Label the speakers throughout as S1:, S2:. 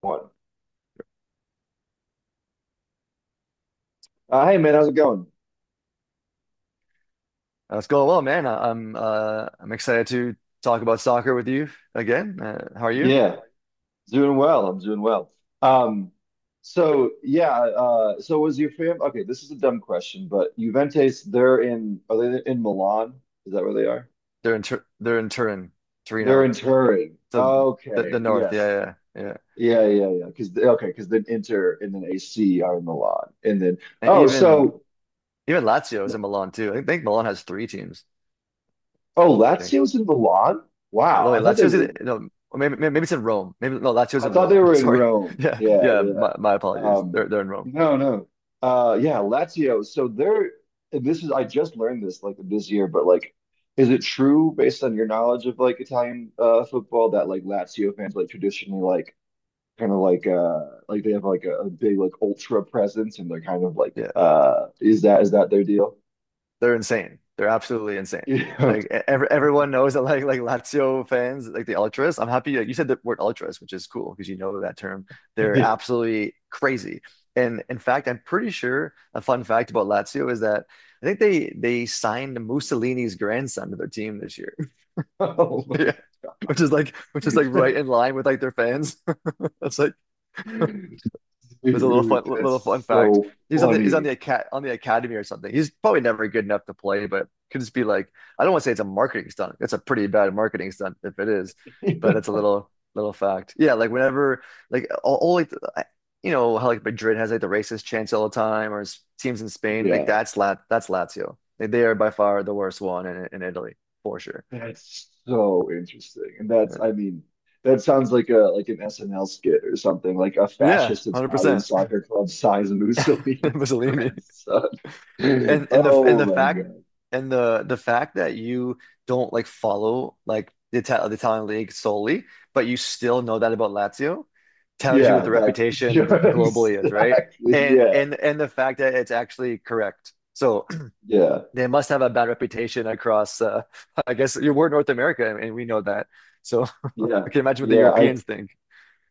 S1: One. Hey man, how's it going?
S2: It's going well, man. I'm excited to talk about soccer with you again. How are you?
S1: Yeah, doing well. I'm doing well. Um, so was your fam? Okay, this is a dumb question, but Juventus, they're in, are they in Milan? Is that where they are?
S2: They're in Turin,
S1: They're
S2: Torino,
S1: in Turin.
S2: so the
S1: Okay,
S2: the north.
S1: yes.
S2: Yeah, yeah, yeah.
S1: Yeah, yeah, yeah. Because okay, because then Inter and then AC are in Milan, and then
S2: And
S1: oh,
S2: even
S1: so
S2: Even Lazio is in Milan too. I think Milan has three teams.
S1: oh,
S2: I think.
S1: Lazio's in Milan.
S2: Oh,
S1: Wow,
S2: wait,
S1: I thought they
S2: Lazio's
S1: were.
S2: either, no, or maybe maybe it's in Rome. Maybe no, Lazio's
S1: I
S2: in
S1: thought they
S2: Rome.
S1: were in
S2: Sorry.
S1: Rome.
S2: Yeah,
S1: Yeah,
S2: yeah.
S1: yeah.
S2: My apologies.
S1: Um,
S2: They're in Rome.
S1: no, no. Yeah, Lazio. So they're, and this is, I just learned this like this year, but like, is it true based on your knowledge of like Italian football that like Lazio fans like traditionally like kind of like they have like a big like ultra presence and they're kind of like
S2: Yeah.
S1: is that their deal?
S2: They're insane. They're absolutely insane. Like everyone knows that like Lazio fans, like the ultras. I'm happy that you said the word ultras, which is cool because you know that term. They're
S1: Yeah.
S2: absolutely crazy. And in fact, I'm pretty sure a fun fact about Lazio is that I think they signed Mussolini's grandson to their team this year.
S1: Oh
S2: Yeah.
S1: my.
S2: Which is like right in line with like their fans. That's like was a
S1: Dude,
S2: little fun
S1: that's
S2: fact.
S1: so
S2: He's on
S1: funny.
S2: the aca on the academy or something. He's probably never good enough to play, but could just be like I don't want to say it's a marketing stunt. It's a pretty bad marketing stunt if it is, but that's a little fact. Yeah, like whenever like you know how like Madrid has like the racist chants all the time, or teams in Spain like
S1: Yeah.
S2: that's Lazio. Like, they are by far the worst one in Italy for sure.
S1: That's so interesting. And that's, I mean, that sounds like a like an SNL skit or something, like a
S2: Yeah,
S1: fascist Italian
S2: 100%.
S1: soccer club size Mussolini's
S2: Mussolini.
S1: grandson.
S2: And and the and
S1: Oh
S2: the
S1: my
S2: fact
S1: God.
S2: and the fact that you don't like follow like the Italian league solely, but you still know that about Lazio, tells you what
S1: Yeah,
S2: the
S1: that,
S2: reputation
S1: yeah,
S2: gl globally is, right?
S1: exactly.
S2: And
S1: Yeah.
S2: and and the fact that it's actually correct. So
S1: Yeah.
S2: they must have a bad reputation across. I guess you are North America, and we know that. So
S1: Yeah.
S2: I can imagine what the
S1: Yeah. I
S2: Europeans think.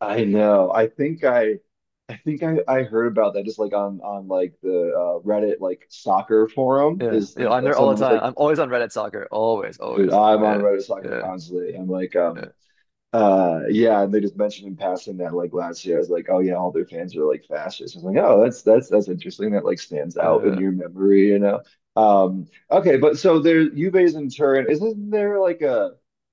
S1: I know. I think I heard about that just like on like the Reddit like soccer forum
S2: Yeah,
S1: is
S2: you know, I'm there all the
S1: someone was like,
S2: time. I'm always on Reddit soccer. Always,
S1: dude,
S2: always.
S1: I'm on
S2: Yeah,
S1: Reddit soccer
S2: yeah,
S1: constantly. I'm like,
S2: yeah,
S1: yeah, and they just mentioned in passing that like last year, I was like, oh yeah, all their fans are like fascists. I was like, oh, that's that's interesting. That like stands out in
S2: yeah,
S1: your memory, you know. Okay, but so there, Juve's in Turin. Isn't there like a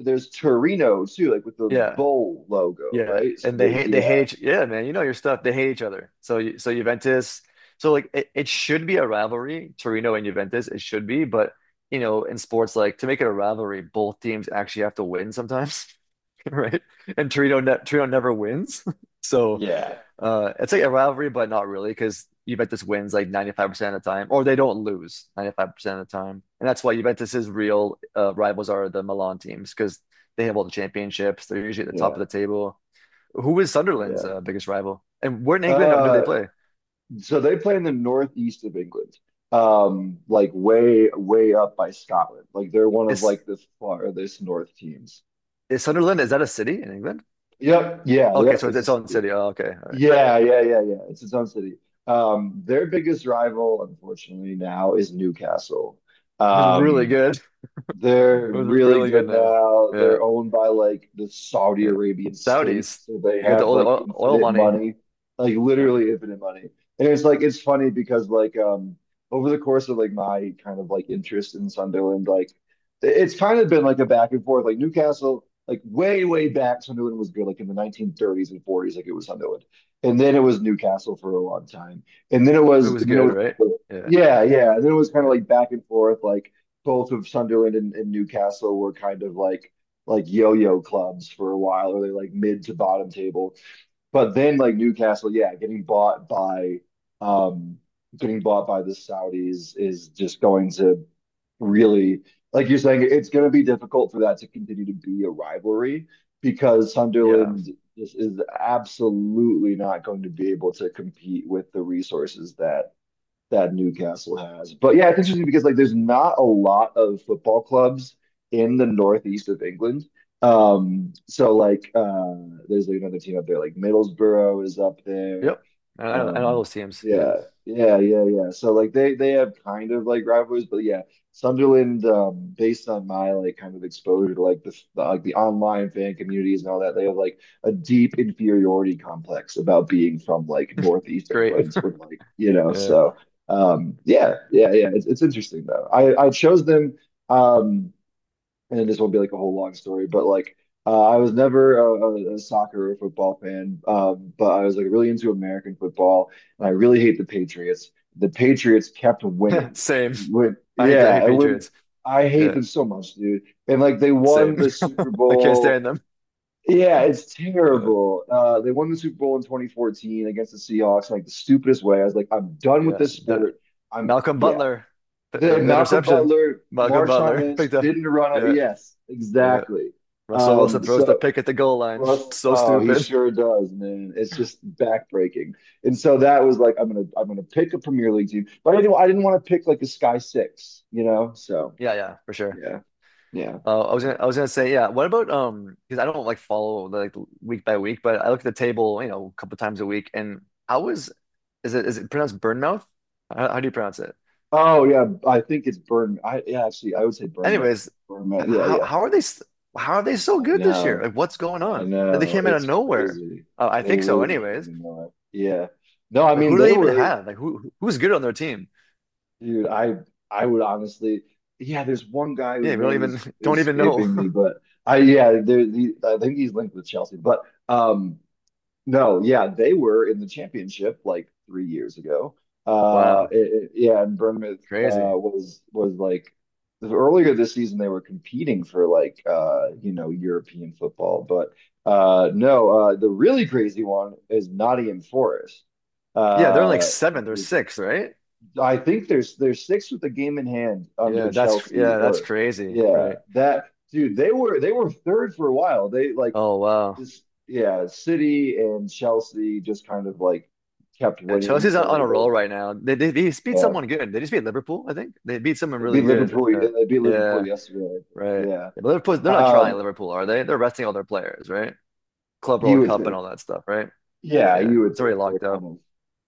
S1: there's Torino too, like with the
S2: yeah.
S1: bull logo,
S2: Yeah,
S1: right? So
S2: and they
S1: there's
S2: hate they
S1: yeah,
S2: hate each yeah, man. You know your stuff. They hate each other. So so Juventus. So like it should be a rivalry, Torino and Juventus. It should be, but you know in sports like to make it a rivalry, both teams actually have to win sometimes, right? And Torino ne Torino never wins. So
S1: yeah,
S2: it's like a rivalry, but not really because Juventus wins like 95% of the time, or they don't lose 95% of the time, and that's why Juventus's real rivals are the Milan teams because they have all the championships. They're usually at the top of
S1: yeah,
S2: the table. Who is Sunderland's
S1: yeah.
S2: biggest rival? And where in England do
S1: Uh,
S2: they play?
S1: so they play in the northeast of England, like way up by Scotland. Like they're one of
S2: Is
S1: like the farthest north teams.
S2: is Sunderland, is that a city in England?
S1: Yep. Yeah.
S2: Okay,
S1: Yep.
S2: so it's
S1: It's a
S2: its own
S1: city.
S2: city. Oh, okay, all right.
S1: Yeah. Yeah. Yeah. Yeah. It's its own city. Their biggest rival, unfortunately, now is Newcastle.
S2: Who's really
S1: Um,
S2: good?
S1: they're
S2: Who's
S1: really
S2: really good
S1: good
S2: now?
S1: now.
S2: Yeah,
S1: They're owned by like the Saudi
S2: yeah.
S1: Arabian state,
S2: Saudis.
S1: so they
S2: They got the
S1: have like
S2: oil, oil
S1: infinite
S2: money.
S1: money, like
S2: Yeah.
S1: literally infinite money. And it's like it's funny because like over the course of like my kind of like interest in Sunderland, like it's kind of been like a back and forth. Like Newcastle, like way back, Sunderland was good, like in the 1930s and 40s, like it was Sunderland, and then it was Newcastle for a long time, and then it
S2: Who
S1: was,
S2: was
S1: and then it
S2: good,
S1: was,
S2: right? Yeah,
S1: yeah, yeah, and then it was kind of
S2: yeah,
S1: like back and forth, like both of Sunderland and Newcastle were kind of like yo-yo clubs for a while, or they like mid to bottom table. But then like Newcastle, yeah, um getting bought by the Saudis is just going to really like you're saying it's going to be difficult for that to continue to be a rivalry because
S2: yeah.
S1: Sunderland just is absolutely not going to be able to compete with the resources that Newcastle has. But yeah, it's interesting because like there's not a lot of football clubs in the northeast of England. So there's like another team up there, like Middlesbrough is up there.
S2: Yep. I know, I know all
S1: Um
S2: those teams. Yeah,
S1: yeah, yeah, yeah, yeah. So like they have kind of like rivalries, but yeah, Sunderland, based on my like kind of exposure to like the like the online fan communities and all that, they have like a deep inferiority complex about being from like northeast
S2: great.
S1: England with like, you know,
S2: Yeah,
S1: so yeah, yeah, yeah. It's interesting though. I chose them, um, and this won't be like a whole long story, but like I was never a soccer or football fan, but I was like really into American football, and I really hate the Patriots. The Patriots kept winning.
S2: same.
S1: When
S2: I
S1: yeah,
S2: hate
S1: when
S2: Patriots.
S1: I hate
S2: Yeah,
S1: them so much, dude. And like they won
S2: same.
S1: the Super
S2: I can't
S1: Bowl,
S2: stand them.
S1: yeah, it's
S2: Uh,
S1: terrible. They won the Super Bowl in 2014 against the Seahawks in like the stupidest way. I was like, I'm done with
S2: Yeah,
S1: this
S2: the
S1: sport. I'm
S2: Malcolm
S1: yeah.
S2: Butler, the,
S1: The
S2: the, the
S1: Malcolm
S2: interception.
S1: Butler,
S2: Malcolm
S1: Marshawn
S2: Butler
S1: Lynch
S2: picked up.
S1: didn't run out.
S2: Yeah,
S1: Yes,
S2: yeah.
S1: exactly.
S2: Russell Wilson
S1: Um,
S2: throws the
S1: so
S2: pick at the goal line.
S1: Russ,
S2: So
S1: oh, he
S2: stupid.
S1: sure does, man. It's just backbreaking. And so that was like, I'm gonna pick a Premier League team, but I didn't want to pick like a Sky Six, you know. So
S2: Yeah, yeah, for sure.
S1: yeah, yeah. So.
S2: I was gonna say, yeah. What about Because I don't like follow like week by week, but I look at the table, you know, a couple times a week. And how is is it pronounced Burnmouth? How do you pronounce it?
S1: Oh yeah, I think it's Burn. I yeah, actually, I would say Burn Myth.
S2: Anyways,
S1: Burn Myth. Yeah, yeah.
S2: how are how are they so
S1: I
S2: good this year?
S1: know.
S2: Like, what's going
S1: I
S2: on? Like, they
S1: know.
S2: came out of
S1: It's
S2: nowhere.
S1: crazy.
S2: I
S1: They
S2: think so,
S1: really didn't
S2: anyways.
S1: even know it. Yeah. No, I
S2: Like,
S1: mean
S2: who do
S1: they
S2: they even
S1: were,
S2: have? Like, who's good on their team?
S1: dude. I would honestly. Yeah, there's one guy whose
S2: Yeah, we don't
S1: name
S2: even
S1: is
S2: don't even know.
S1: escaping me, but I yeah, there. The, I think he's linked with Chelsea, but um, no, yeah, they were in the championship like 3 years ago. Uh,
S2: Wow,
S1: it, yeah, and Bournemouth
S2: crazy.
S1: was like earlier this season they were competing for like you know European football, but no, the really crazy one is Nottingham Forest.
S2: Yeah, they're in like
S1: Uh,
S2: seventh or
S1: is-
S2: sixth, right?
S1: I think there's six with a game in hand under Chelsea,
S2: Yeah, that's
S1: or
S2: crazy,
S1: yeah,
S2: right?
S1: that dude they were third for a while. They like
S2: Oh wow,
S1: yeah, City and Chelsea just kind of like kept
S2: yeah,
S1: winning,
S2: Chelsea's
S1: so
S2: on
S1: they
S2: a roll
S1: both
S2: right now. They beat
S1: yeah
S2: someone good. They just beat Liverpool, I think. They beat someone
S1: they
S2: really
S1: beat
S2: good.
S1: Liverpool. They beat Liverpool
S2: Yeah,
S1: yesterday, I think.
S2: right.
S1: Yeah,
S2: Yeah, but Liverpool, they're not trying
S1: um,
S2: Liverpool, are they? They're resting all their players, right? Club
S1: you
S2: World
S1: would
S2: Cup and
S1: think.
S2: all that stuff, right?
S1: Yeah,
S2: Yeah,
S1: you would
S2: it's
S1: think
S2: already
S1: they're
S2: locked
S1: kind
S2: up.
S1: of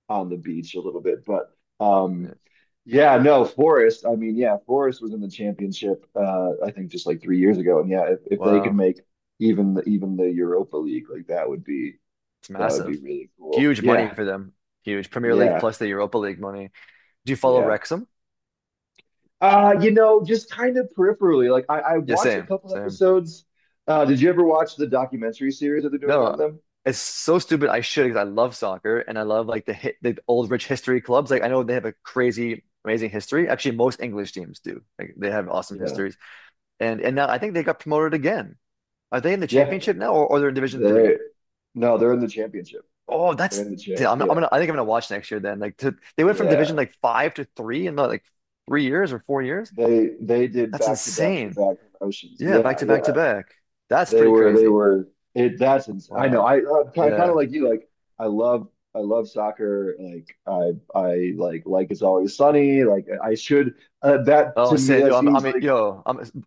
S1: on the beach a little bit, but um,
S2: Yeah.
S1: yeah, no, Forest. I mean, yeah, Forest was in the championship. I think just like 3 years ago, and yeah, if they could
S2: Wow.
S1: make even the Europa League, like
S2: It's
S1: that would be
S2: massive.
S1: really cool.
S2: Huge money
S1: Yeah,
S2: for them. Huge Premier League
S1: yeah,
S2: plus the Europa League money. Do you follow
S1: yeah.
S2: Wrexham?
S1: You know, just kind of peripherally. Like I
S2: Yeah,
S1: watched a
S2: same,
S1: couple
S2: same.
S1: episodes. Did you ever watch the documentary series that they're doing
S2: No,
S1: on them?
S2: it's so stupid. I should because I love soccer and I love like the old rich history clubs. Like I know they have a crazy, amazing history. Actually, most English teams do. Like they have awesome
S1: Yeah.
S2: histories. And now I think they got promoted again. Are they in the
S1: Yeah.
S2: championship now or they're in Division
S1: They
S2: Three?
S1: No, they're in the championship.
S2: Oh,
S1: They're in
S2: that's
S1: the champ.
S2: yeah,
S1: Yeah.
S2: I think I'm gonna watch next year then. They went from Division
S1: Yeah.
S2: like five to three in like 3 years or 4 years.
S1: They did
S2: That's
S1: back to back to
S2: insane.
S1: back promotions.
S2: Yeah, back
S1: Yeah,
S2: to back to
S1: yeah.
S2: back. That's pretty
S1: They
S2: crazy.
S1: were it that's ins I know.
S2: Wow.
S1: I kind of
S2: Yeah.
S1: like you like I love I love soccer. Like I like it's always sunny. Like I should that
S2: Oh,
S1: to me
S2: Sam,
S1: that
S2: yo,
S1: seems like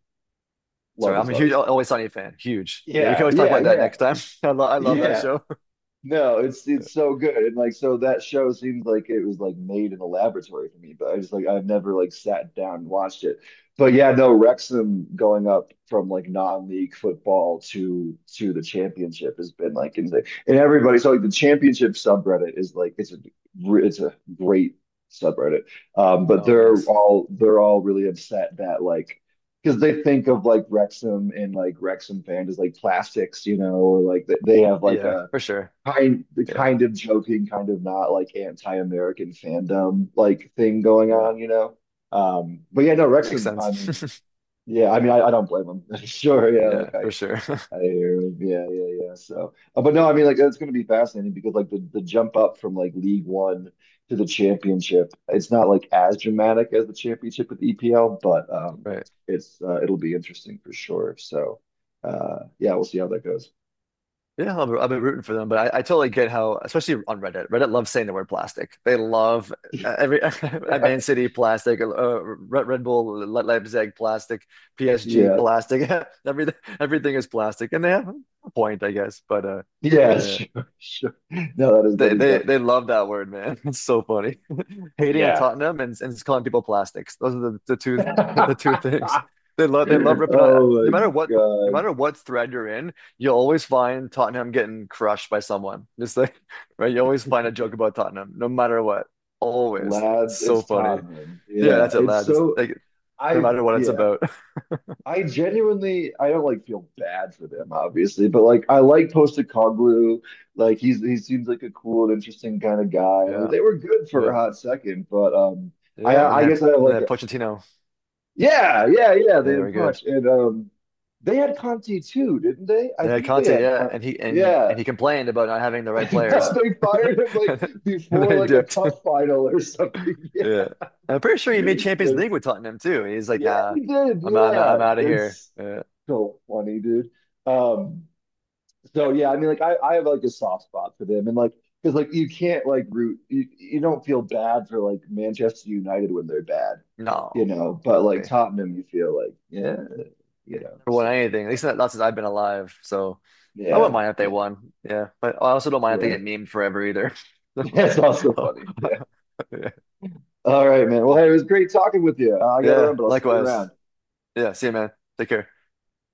S2: sorry,
S1: love
S2: I'm
S1: is
S2: a huge
S1: always Sunny.
S2: Always Sunny fan. Huge. Yeah, we can
S1: Yeah,
S2: always talk
S1: yeah,
S2: about that
S1: yeah,
S2: next time. I love that
S1: yeah.
S2: show.
S1: No,
S2: Yeah.
S1: it's so good. And like so that show seems like it was like made in a laboratory for me, but I just like I've never like sat down and watched it. But yeah, no, Wrexham going up from like non-league football to the championship has been like insane. And everybody, so like the championship subreddit is like it's a great subreddit. But
S2: Oh,
S1: they're
S2: nice.
S1: all they're all really upset that like because they think of like Wrexham and like Wrexham fan as like plastics, you know, or like they have like
S2: Yeah,
S1: a
S2: for sure.
S1: kind the
S2: Yeah,
S1: kind of joking, kind of not like anti-American fandom like thing going
S2: yeah,
S1: on, you know. But yeah, no,
S2: makes
S1: Wrexham. I
S2: sense.
S1: mean, yeah, I mean, I don't blame him. Sure, yeah,
S2: Yeah,
S1: like
S2: for sure.
S1: I hear, him. Yeah, yeah, yeah. So, but no, I mean, like it's going to be fascinating because like the jump up from like League One to the Championship, it's not like as dramatic as the Championship with EPL, but
S2: Right.
S1: it's it'll be interesting for sure. So, yeah, we'll see how that goes.
S2: Yeah, I've been rooting for them, but I totally get how, especially on Reddit. Reddit loves saying the word plastic. They love every
S1: Yeah,
S2: Man City plastic, Red Bull Le Leipzig plastic, PSG
S1: yeah.
S2: plastic. Everything everything is plastic, and they have a point, I guess. But
S1: Yeah,
S2: yeah.
S1: sure, sure. No, that
S2: They
S1: is
S2: they
S1: definitely
S2: they love
S1: true.
S2: that word, man. It's so funny. Hating on
S1: Yeah.
S2: Tottenham and just calling people plastics. Those are the two the two things. They love ripping on
S1: Oh
S2: no
S1: my
S2: matter what no
S1: God.
S2: matter what thread you're in, you'll always find Tottenham getting crushed by someone. Just like right, you always find a joke about Tottenham, no matter what. Always.
S1: Lads,
S2: So
S1: it's
S2: funny.
S1: Tottenham.
S2: Yeah,
S1: Yeah.
S2: that's it,
S1: It's
S2: lad. That's
S1: so
S2: like no
S1: I
S2: matter what it's
S1: yeah.
S2: about.
S1: I genuinely I don't like feel bad for them, obviously, but like I like Postecoglou. Like he's he seems like a cool and interesting kind of guy. Like
S2: Yeah.
S1: they were good for a
S2: Yeah.
S1: hot second, but
S2: Yeah.
S1: I guess I have
S2: When they
S1: like
S2: had Pochettino.
S1: yeah, yeah, yeah.
S2: Yeah,
S1: They
S2: they were
S1: had
S2: good.
S1: Punch, and they had Conti too, didn't they? I
S2: Yeah,
S1: think they
S2: Conte,
S1: had
S2: yeah,
S1: Conti. Yeah.
S2: and he complained about not having the right
S1: And
S2: players,
S1: they fired him like
S2: and then
S1: before
S2: he
S1: like a
S2: dipped.
S1: cup final or something. Yeah,
S2: Yeah, I'm pretty sure he made Champions League
S1: that's
S2: with Tottenham too. He's like,
S1: yeah,
S2: nah,
S1: he did.
S2: I'm
S1: Yeah,
S2: I'm out of here.
S1: that's so funny, dude. Um, so yeah, I mean, like I have like a soft spot for them, and like because like you can't like root you, you don't feel bad for like Manchester United when they're bad, you
S2: No,
S1: know, but like
S2: yeah,
S1: Tottenham, you feel like yeah. You
S2: never
S1: know.
S2: won
S1: So,
S2: anything. At
S1: but
S2: least not, not since I've been alive. So I wouldn't
S1: yeah,
S2: mind if they
S1: yeah,
S2: won. Yeah, but I also don't mind if they
S1: yeah.
S2: get memed forever either.
S1: Yeah, it's also
S2: So,
S1: funny. Yeah.
S2: yeah,
S1: All right, man. Well, hey, it was great talking with you. I got to run,
S2: yeah,
S1: but I'll see you
S2: likewise.
S1: around.
S2: Yeah, see you, man. Take care.